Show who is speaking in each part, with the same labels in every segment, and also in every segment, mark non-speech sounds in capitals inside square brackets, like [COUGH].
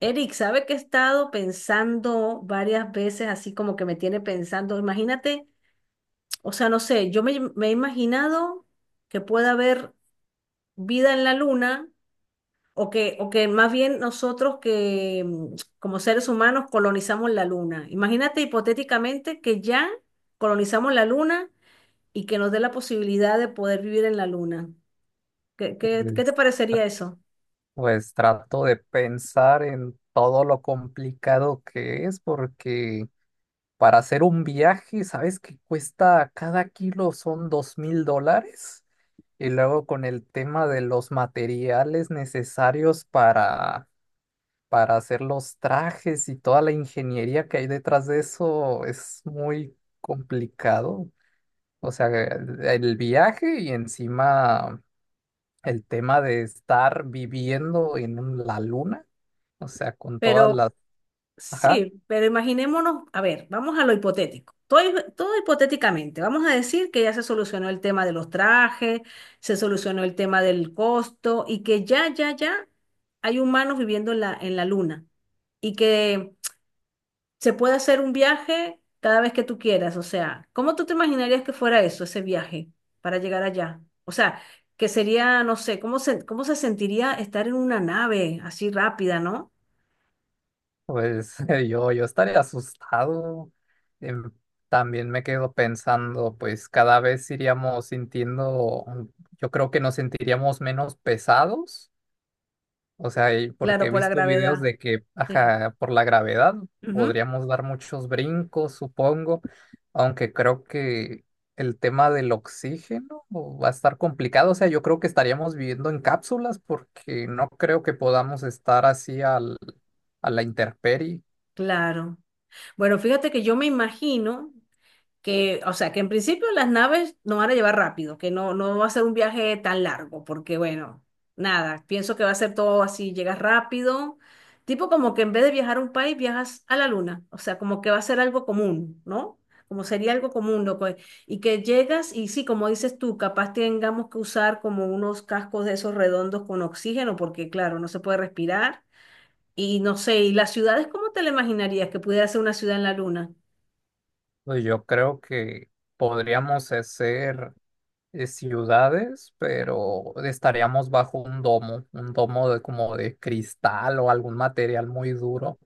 Speaker 1: Eric, ¿sabe que he estado pensando varias veces, así como que me tiene pensando? Imagínate, o sea, no sé, yo me he imaginado que pueda haber vida en la luna o que más bien nosotros que como seres humanos colonizamos la luna. Imagínate hipotéticamente que ya colonizamos la luna y que nos dé la posibilidad de poder vivir en la luna. ¿Qué te
Speaker 2: Pues,
Speaker 1: parecería eso?
Speaker 2: pues trato de pensar en todo lo complicado que es, porque para hacer un viaje, ¿sabes que cuesta cada kilo son $2,000? Y luego con el tema de los materiales necesarios para hacer los trajes y toda la ingeniería que hay detrás de eso es muy complicado. O sea, el viaje y encima el tema de estar viviendo en la luna. O sea, con todas
Speaker 1: Pero...
Speaker 2: las... Ajá,
Speaker 1: Sí, pero imaginémonos, a ver, vamos a lo hipotético. Todo, todo hipotéticamente. Vamos a decir que ya se solucionó el tema de los trajes, se solucionó el tema del costo y que ya hay humanos viviendo en la luna y que se puede hacer un viaje cada vez que tú quieras. O sea, ¿cómo tú te imaginarías que fuera eso, ese viaje para llegar allá? O sea, que sería, no sé, ¿cómo se sentiría estar en una nave así rápida, ¿no?
Speaker 2: pues [LAUGHS] yo estaría asustado. Em, También me quedo pensando, pues cada vez iríamos sintiendo, yo creo que nos sentiríamos menos pesados. O sea, y porque
Speaker 1: Claro,
Speaker 2: he
Speaker 1: por la
Speaker 2: visto videos
Speaker 1: gravedad.
Speaker 2: de que,
Speaker 1: Sí.
Speaker 2: ajá, por la gravedad podríamos dar muchos brincos, supongo, aunque creo que el tema del oxígeno va a estar complicado. O sea, yo creo que estaríamos viviendo en cápsulas porque no creo que podamos estar así a la intemperie.
Speaker 1: Claro. Bueno, fíjate que yo me imagino que, o sea, que en principio las naves nos van a llevar rápido, que no va a ser un viaje tan largo, porque bueno, nada, pienso que va a ser todo así, llegas rápido, tipo como que en vez de viajar a un país, viajas a la luna, o sea, como que va a ser algo común, ¿no? Como sería algo común, loco. Y que llegas y sí, como dices tú, capaz tengamos que usar como unos cascos de esos redondos con oxígeno, porque claro, no se puede respirar. Y no sé, ¿y las ciudades cómo te la imaginarías que pudiera ser una ciudad en la luna?
Speaker 2: Pues yo creo que podríamos hacer ciudades, pero estaríamos bajo un domo de como de cristal o algún material muy duro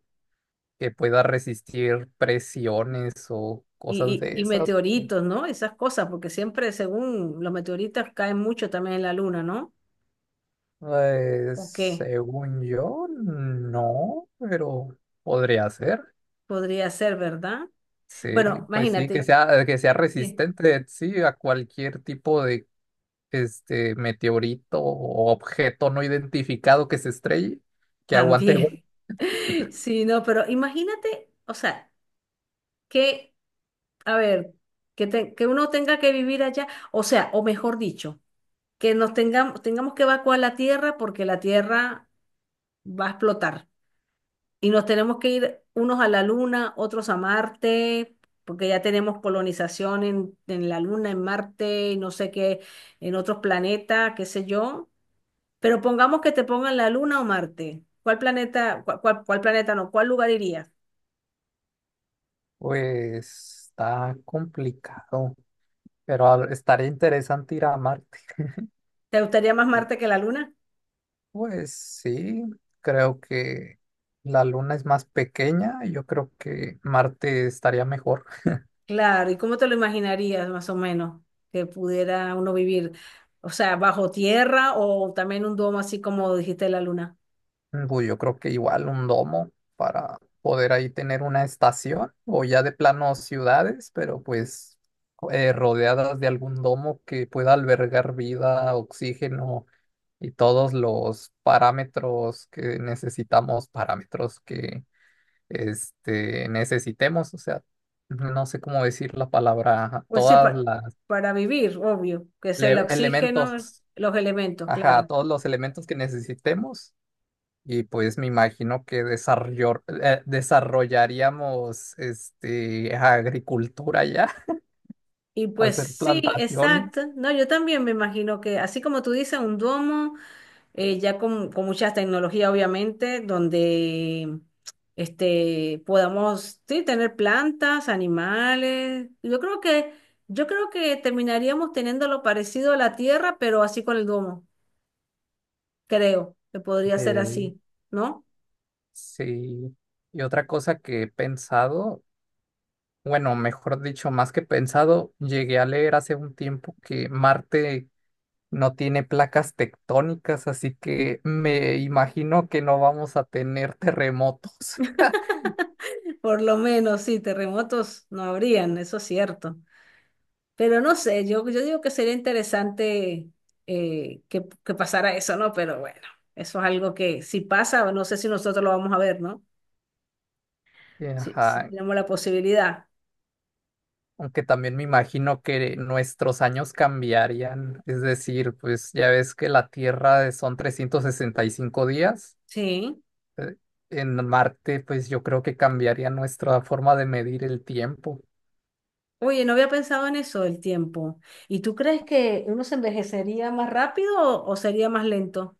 Speaker 2: que pueda resistir presiones o cosas
Speaker 1: Y,
Speaker 2: de
Speaker 1: y, y
Speaker 2: esas.
Speaker 1: meteoritos, ¿no? Esas cosas, porque siempre, según los meteoritos, caen mucho también en la luna, ¿no? ¿O qué?
Speaker 2: Según yo, no, pero podría ser.
Speaker 1: Podría ser, ¿verdad?
Speaker 2: Sí,
Speaker 1: Bueno,
Speaker 2: pues sí,
Speaker 1: imagínate,
Speaker 2: que sea
Speaker 1: sí,
Speaker 2: resistente, sí, a cualquier tipo de este meteorito o objeto no identificado que se estrelle, que aguante golpe.
Speaker 1: también. [LAUGHS] Sí, no, pero imagínate, o sea, que, a ver, que, que uno tenga que vivir allá, o sea, o mejor dicho, que nos tengamos que evacuar la Tierra porque la Tierra va a explotar. Y nos tenemos que ir unos a la Luna, otros a Marte, porque ya tenemos colonización en la Luna, en Marte, y no sé qué, en otros planetas, qué sé yo. Pero pongamos que te pongan la Luna o Marte. ¿Cuál planeta, cuál planeta no? ¿Cuál lugar irías?
Speaker 2: Pues está complicado, pero estaría interesante ir a Marte.
Speaker 1: ¿Te gustaría más Marte que la Luna?
Speaker 2: Pues sí, creo que la Luna es más pequeña. Yo creo que Marte estaría mejor.
Speaker 1: Claro, ¿y cómo te lo imaginarías más o menos que pudiera uno vivir? O sea, bajo tierra o también un domo así como dijiste la Luna.
Speaker 2: Pues yo creo que igual un domo para poder ahí tener una estación o ya de plano ciudades, pero pues rodeadas de algún domo que pueda albergar vida, oxígeno y todos los parámetros que necesitamos, necesitemos, o sea. No sé cómo decir la palabra,
Speaker 1: Pues sí,
Speaker 2: todas las
Speaker 1: para vivir, obvio, que es el oxígeno,
Speaker 2: elementos,
Speaker 1: los elementos,
Speaker 2: ajá,
Speaker 1: claro.
Speaker 2: todos los elementos que necesitemos. Y pues me imagino que desarrollaríamos este, agricultura ya, [LAUGHS]
Speaker 1: Y pues
Speaker 2: hacer
Speaker 1: sí,
Speaker 2: plantaciones.
Speaker 1: exacto. No, yo también me imagino que, así como tú dices, un domo, ya con mucha tecnología, obviamente, donde este, podamos sí, tener plantas, animales. Yo creo que terminaríamos teniendo lo parecido a la Tierra, pero así con el domo, creo que podría ser
Speaker 2: Eh,
Speaker 1: así, ¿no?
Speaker 2: sí. Y otra cosa que he pensado, bueno, mejor dicho, más que pensado, llegué a leer hace un tiempo que Marte no tiene placas tectónicas, así que me imagino que no vamos a tener terremotos. [LAUGHS]
Speaker 1: Por lo menos, sí, terremotos no habrían, eso es cierto. Pero no sé, yo digo que sería interesante que pasara eso, ¿no? Pero bueno, eso es algo que si pasa, no sé si nosotros lo vamos a ver, ¿no? Si, si
Speaker 2: Ajá,
Speaker 1: tenemos la posibilidad.
Speaker 2: aunque también me imagino que nuestros años cambiarían, es decir, pues ya ves que la Tierra son 365 días,
Speaker 1: Sí.
Speaker 2: eh, en Marte pues yo creo que cambiaría nuestra forma de medir el tiempo.
Speaker 1: Oye, no había pensado en eso del tiempo. ¿Y tú crees que uno se envejecería más rápido o sería más lento?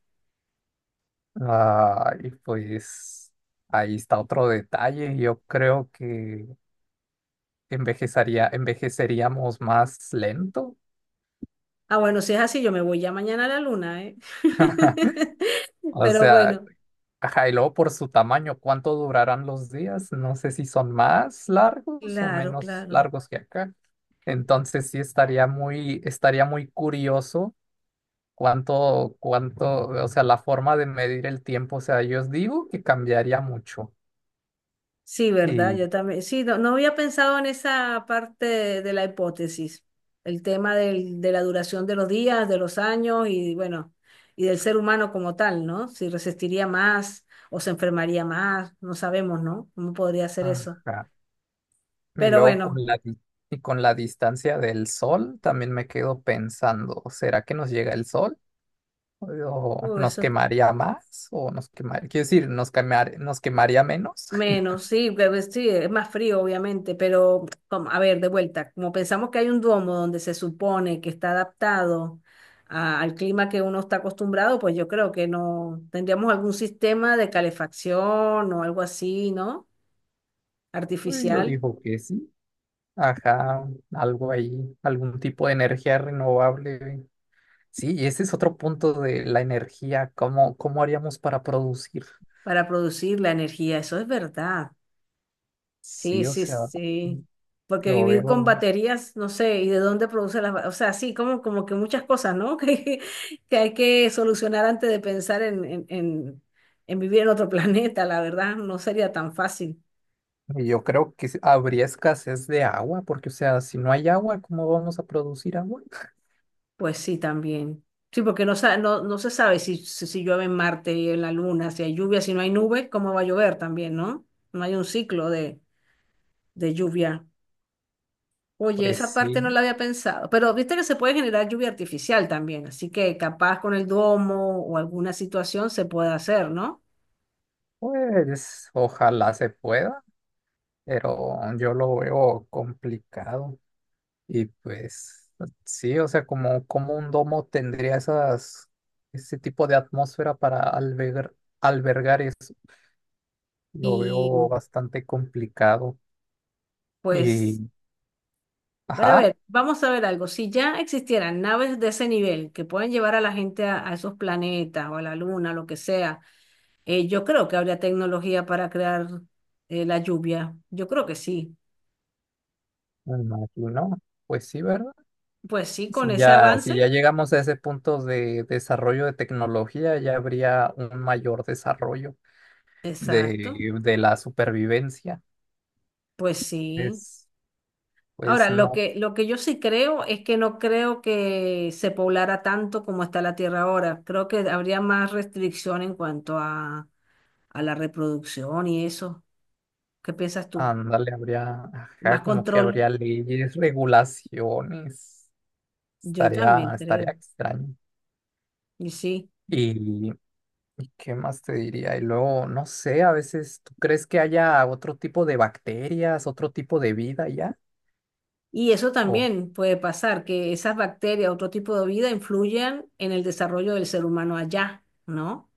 Speaker 2: Ah, y pues ahí está otro detalle, yo creo que envejeceríamos más lento.
Speaker 1: Ah, bueno, si es así, yo me voy ya mañana a la luna, ¿eh?
Speaker 2: [LAUGHS]
Speaker 1: [LAUGHS]
Speaker 2: O
Speaker 1: Pero
Speaker 2: sea,
Speaker 1: bueno,
Speaker 2: ajá, y luego por su tamaño, ¿cuánto durarán los días? No sé si son más largos o
Speaker 1: claro,
Speaker 2: menos
Speaker 1: claro.
Speaker 2: largos que acá. Entonces sí estaría estaría muy curioso cuánto, o sea, la forma de medir el tiempo. O sea, yo os digo que cambiaría mucho.
Speaker 1: Sí, ¿verdad?
Speaker 2: Y,
Speaker 1: Yo también. Sí, no, no había pensado en esa parte de la hipótesis, el tema de la duración de los días, de los años y bueno, y del ser humano como tal, ¿no? Si resistiría más o se enfermaría más, no sabemos, ¿no? ¿Cómo podría ser eso?
Speaker 2: ajá. Y
Speaker 1: Pero
Speaker 2: luego con
Speaker 1: bueno,
Speaker 2: y con la distancia del sol también me quedo pensando, ¿será que nos llega el sol? ¿O nos
Speaker 1: eso
Speaker 2: quemaría más? ¿O nos quemaría, quiero decir, nos quemaría menos?
Speaker 1: menos, sí, sí, es más frío, obviamente, pero como, a ver, de vuelta, como pensamos que hay un duomo donde se supone que está adaptado al clima que uno está acostumbrado, pues yo creo que no tendríamos algún sistema de calefacción o algo así, ¿no?
Speaker 2: Pues yo
Speaker 1: Artificial
Speaker 2: digo que sí. Ajá, algo ahí, algún tipo de energía renovable. Sí, y ese es otro punto de la energía. ¿Cómo haríamos para producir?
Speaker 1: para producir la energía, eso es verdad. Sí,
Speaker 2: Sí, o
Speaker 1: sí,
Speaker 2: sea,
Speaker 1: sí. Porque
Speaker 2: lo
Speaker 1: vivir con
Speaker 2: veo.
Speaker 1: baterías, no sé, y de dónde produce las, o sea, sí, como, como que muchas cosas, ¿no? [LAUGHS] Que hay que solucionar antes de pensar en vivir en otro [LAUGHS] planeta, la verdad, no sería tan fácil.
Speaker 2: Y yo creo que habría escasez de agua, porque, o sea, si no hay agua, ¿cómo vamos a producir agua? [LAUGHS]
Speaker 1: Pues sí, también. Sí, porque no, no, no se sabe si, si llueve en Marte y en la Luna, si hay lluvia, si no hay nubes, cómo va a llover también, ¿no? No hay un ciclo de lluvia. Oye, esa
Speaker 2: Pues
Speaker 1: parte no
Speaker 2: sí,
Speaker 1: la había pensado, pero viste que se puede generar lluvia artificial también, así que capaz con el domo o alguna situación se puede hacer, ¿no?
Speaker 2: pues ojalá se pueda, pero yo lo veo complicado. Y pues sí, o sea, como un domo tendría ese tipo de atmósfera para albergar eso, lo
Speaker 1: Y
Speaker 2: veo bastante complicado. Y,
Speaker 1: pues, pero a
Speaker 2: ajá,
Speaker 1: ver, vamos a ver algo. Si ya existieran naves de ese nivel que pueden llevar a la gente a esos planetas o a la luna, lo que sea, yo creo que habría tecnología para crear la lluvia. Yo creo que sí.
Speaker 2: me imagino, pues sí, ¿verdad?
Speaker 1: Pues sí, con
Speaker 2: Si
Speaker 1: ese
Speaker 2: ya, si ya
Speaker 1: avance.
Speaker 2: llegamos a ese punto de desarrollo de tecnología, ya habría un mayor desarrollo
Speaker 1: Exacto.
Speaker 2: de la supervivencia.
Speaker 1: Pues sí.
Speaker 2: Es, pues
Speaker 1: Ahora,
Speaker 2: no.
Speaker 1: lo que yo sí creo es que no creo que se poblara tanto como está la Tierra ahora. Creo que habría más restricción en cuanto a la reproducción y eso. ¿Qué piensas tú?
Speaker 2: Ándale, habría, ajá,
Speaker 1: Más
Speaker 2: como que
Speaker 1: control.
Speaker 2: habría leyes, regulaciones.
Speaker 1: Yo también
Speaker 2: Estaría
Speaker 1: creo.
Speaker 2: extraño.
Speaker 1: Y sí.
Speaker 2: Y, ¿Y qué más te diría? Y luego, no sé, a veces, ¿tú crees que haya otro tipo de bacterias, otro tipo de vida ya?
Speaker 1: Y eso
Speaker 2: O
Speaker 1: también puede pasar, que esas bacterias, otro tipo de vida, influyan en el desarrollo del ser humano allá, ¿no?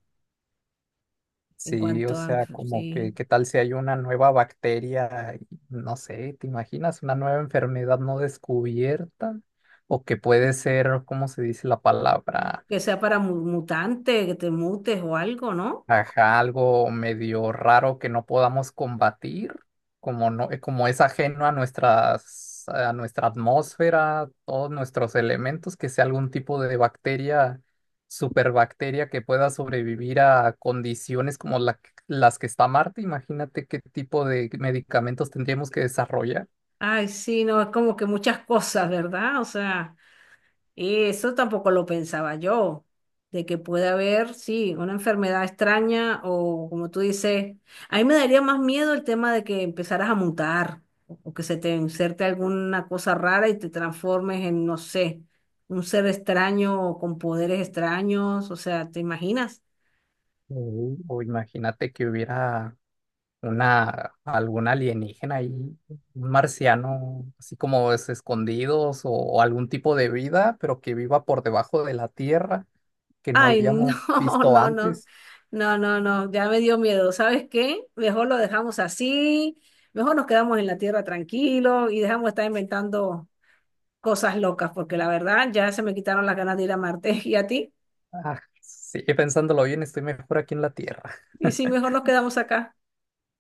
Speaker 1: En
Speaker 2: sí, o
Speaker 1: cuanto a,
Speaker 2: sea, como que,
Speaker 1: sí,
Speaker 2: ¿qué tal si hay una nueva bacteria? Y, no sé, ¿te imaginas una nueva enfermedad no descubierta? O que puede ser, ¿cómo se dice la palabra?
Speaker 1: que sea para mutante, que te mutes o algo, ¿no?
Speaker 2: Ajá, algo medio raro que no podamos combatir, como no, como es ajeno a a nuestra atmósfera, todos nuestros elementos, que sea algún tipo de bacteria, superbacteria que pueda sobrevivir a condiciones como las que está Marte. Imagínate qué tipo de medicamentos tendríamos que desarrollar.
Speaker 1: Ay, sí, no, es como que muchas cosas, ¿verdad? O sea, eso tampoco lo pensaba yo, de que puede haber, sí, una enfermedad extraña o como tú dices, a mí me daría más miedo el tema de que empezaras a mutar o que se te inserte alguna cosa rara y te transformes en, no sé, un ser extraño o con poderes extraños, o sea, ¿te imaginas?
Speaker 2: Mm, o imagínate que hubiera algún alienígena ahí, un marciano, así como es escondidos o algún tipo de vida, pero que viva por debajo de la tierra, que no
Speaker 1: Ay, no,
Speaker 2: hayamos
Speaker 1: [LAUGHS]
Speaker 2: visto
Speaker 1: no, no,
Speaker 2: antes.
Speaker 1: no, ya me dio miedo. ¿Sabes qué? Mejor lo dejamos así, mejor nos quedamos en la tierra tranquilo y dejamos de estar inventando cosas locas, porque la verdad ya se me quitaron las ganas de ir a Marte. [LAUGHS] ¿Y a ti?
Speaker 2: Ah, sí, pensándolo bien, estoy mejor aquí en la tierra.
Speaker 1: Y sí, mejor nos quedamos acá.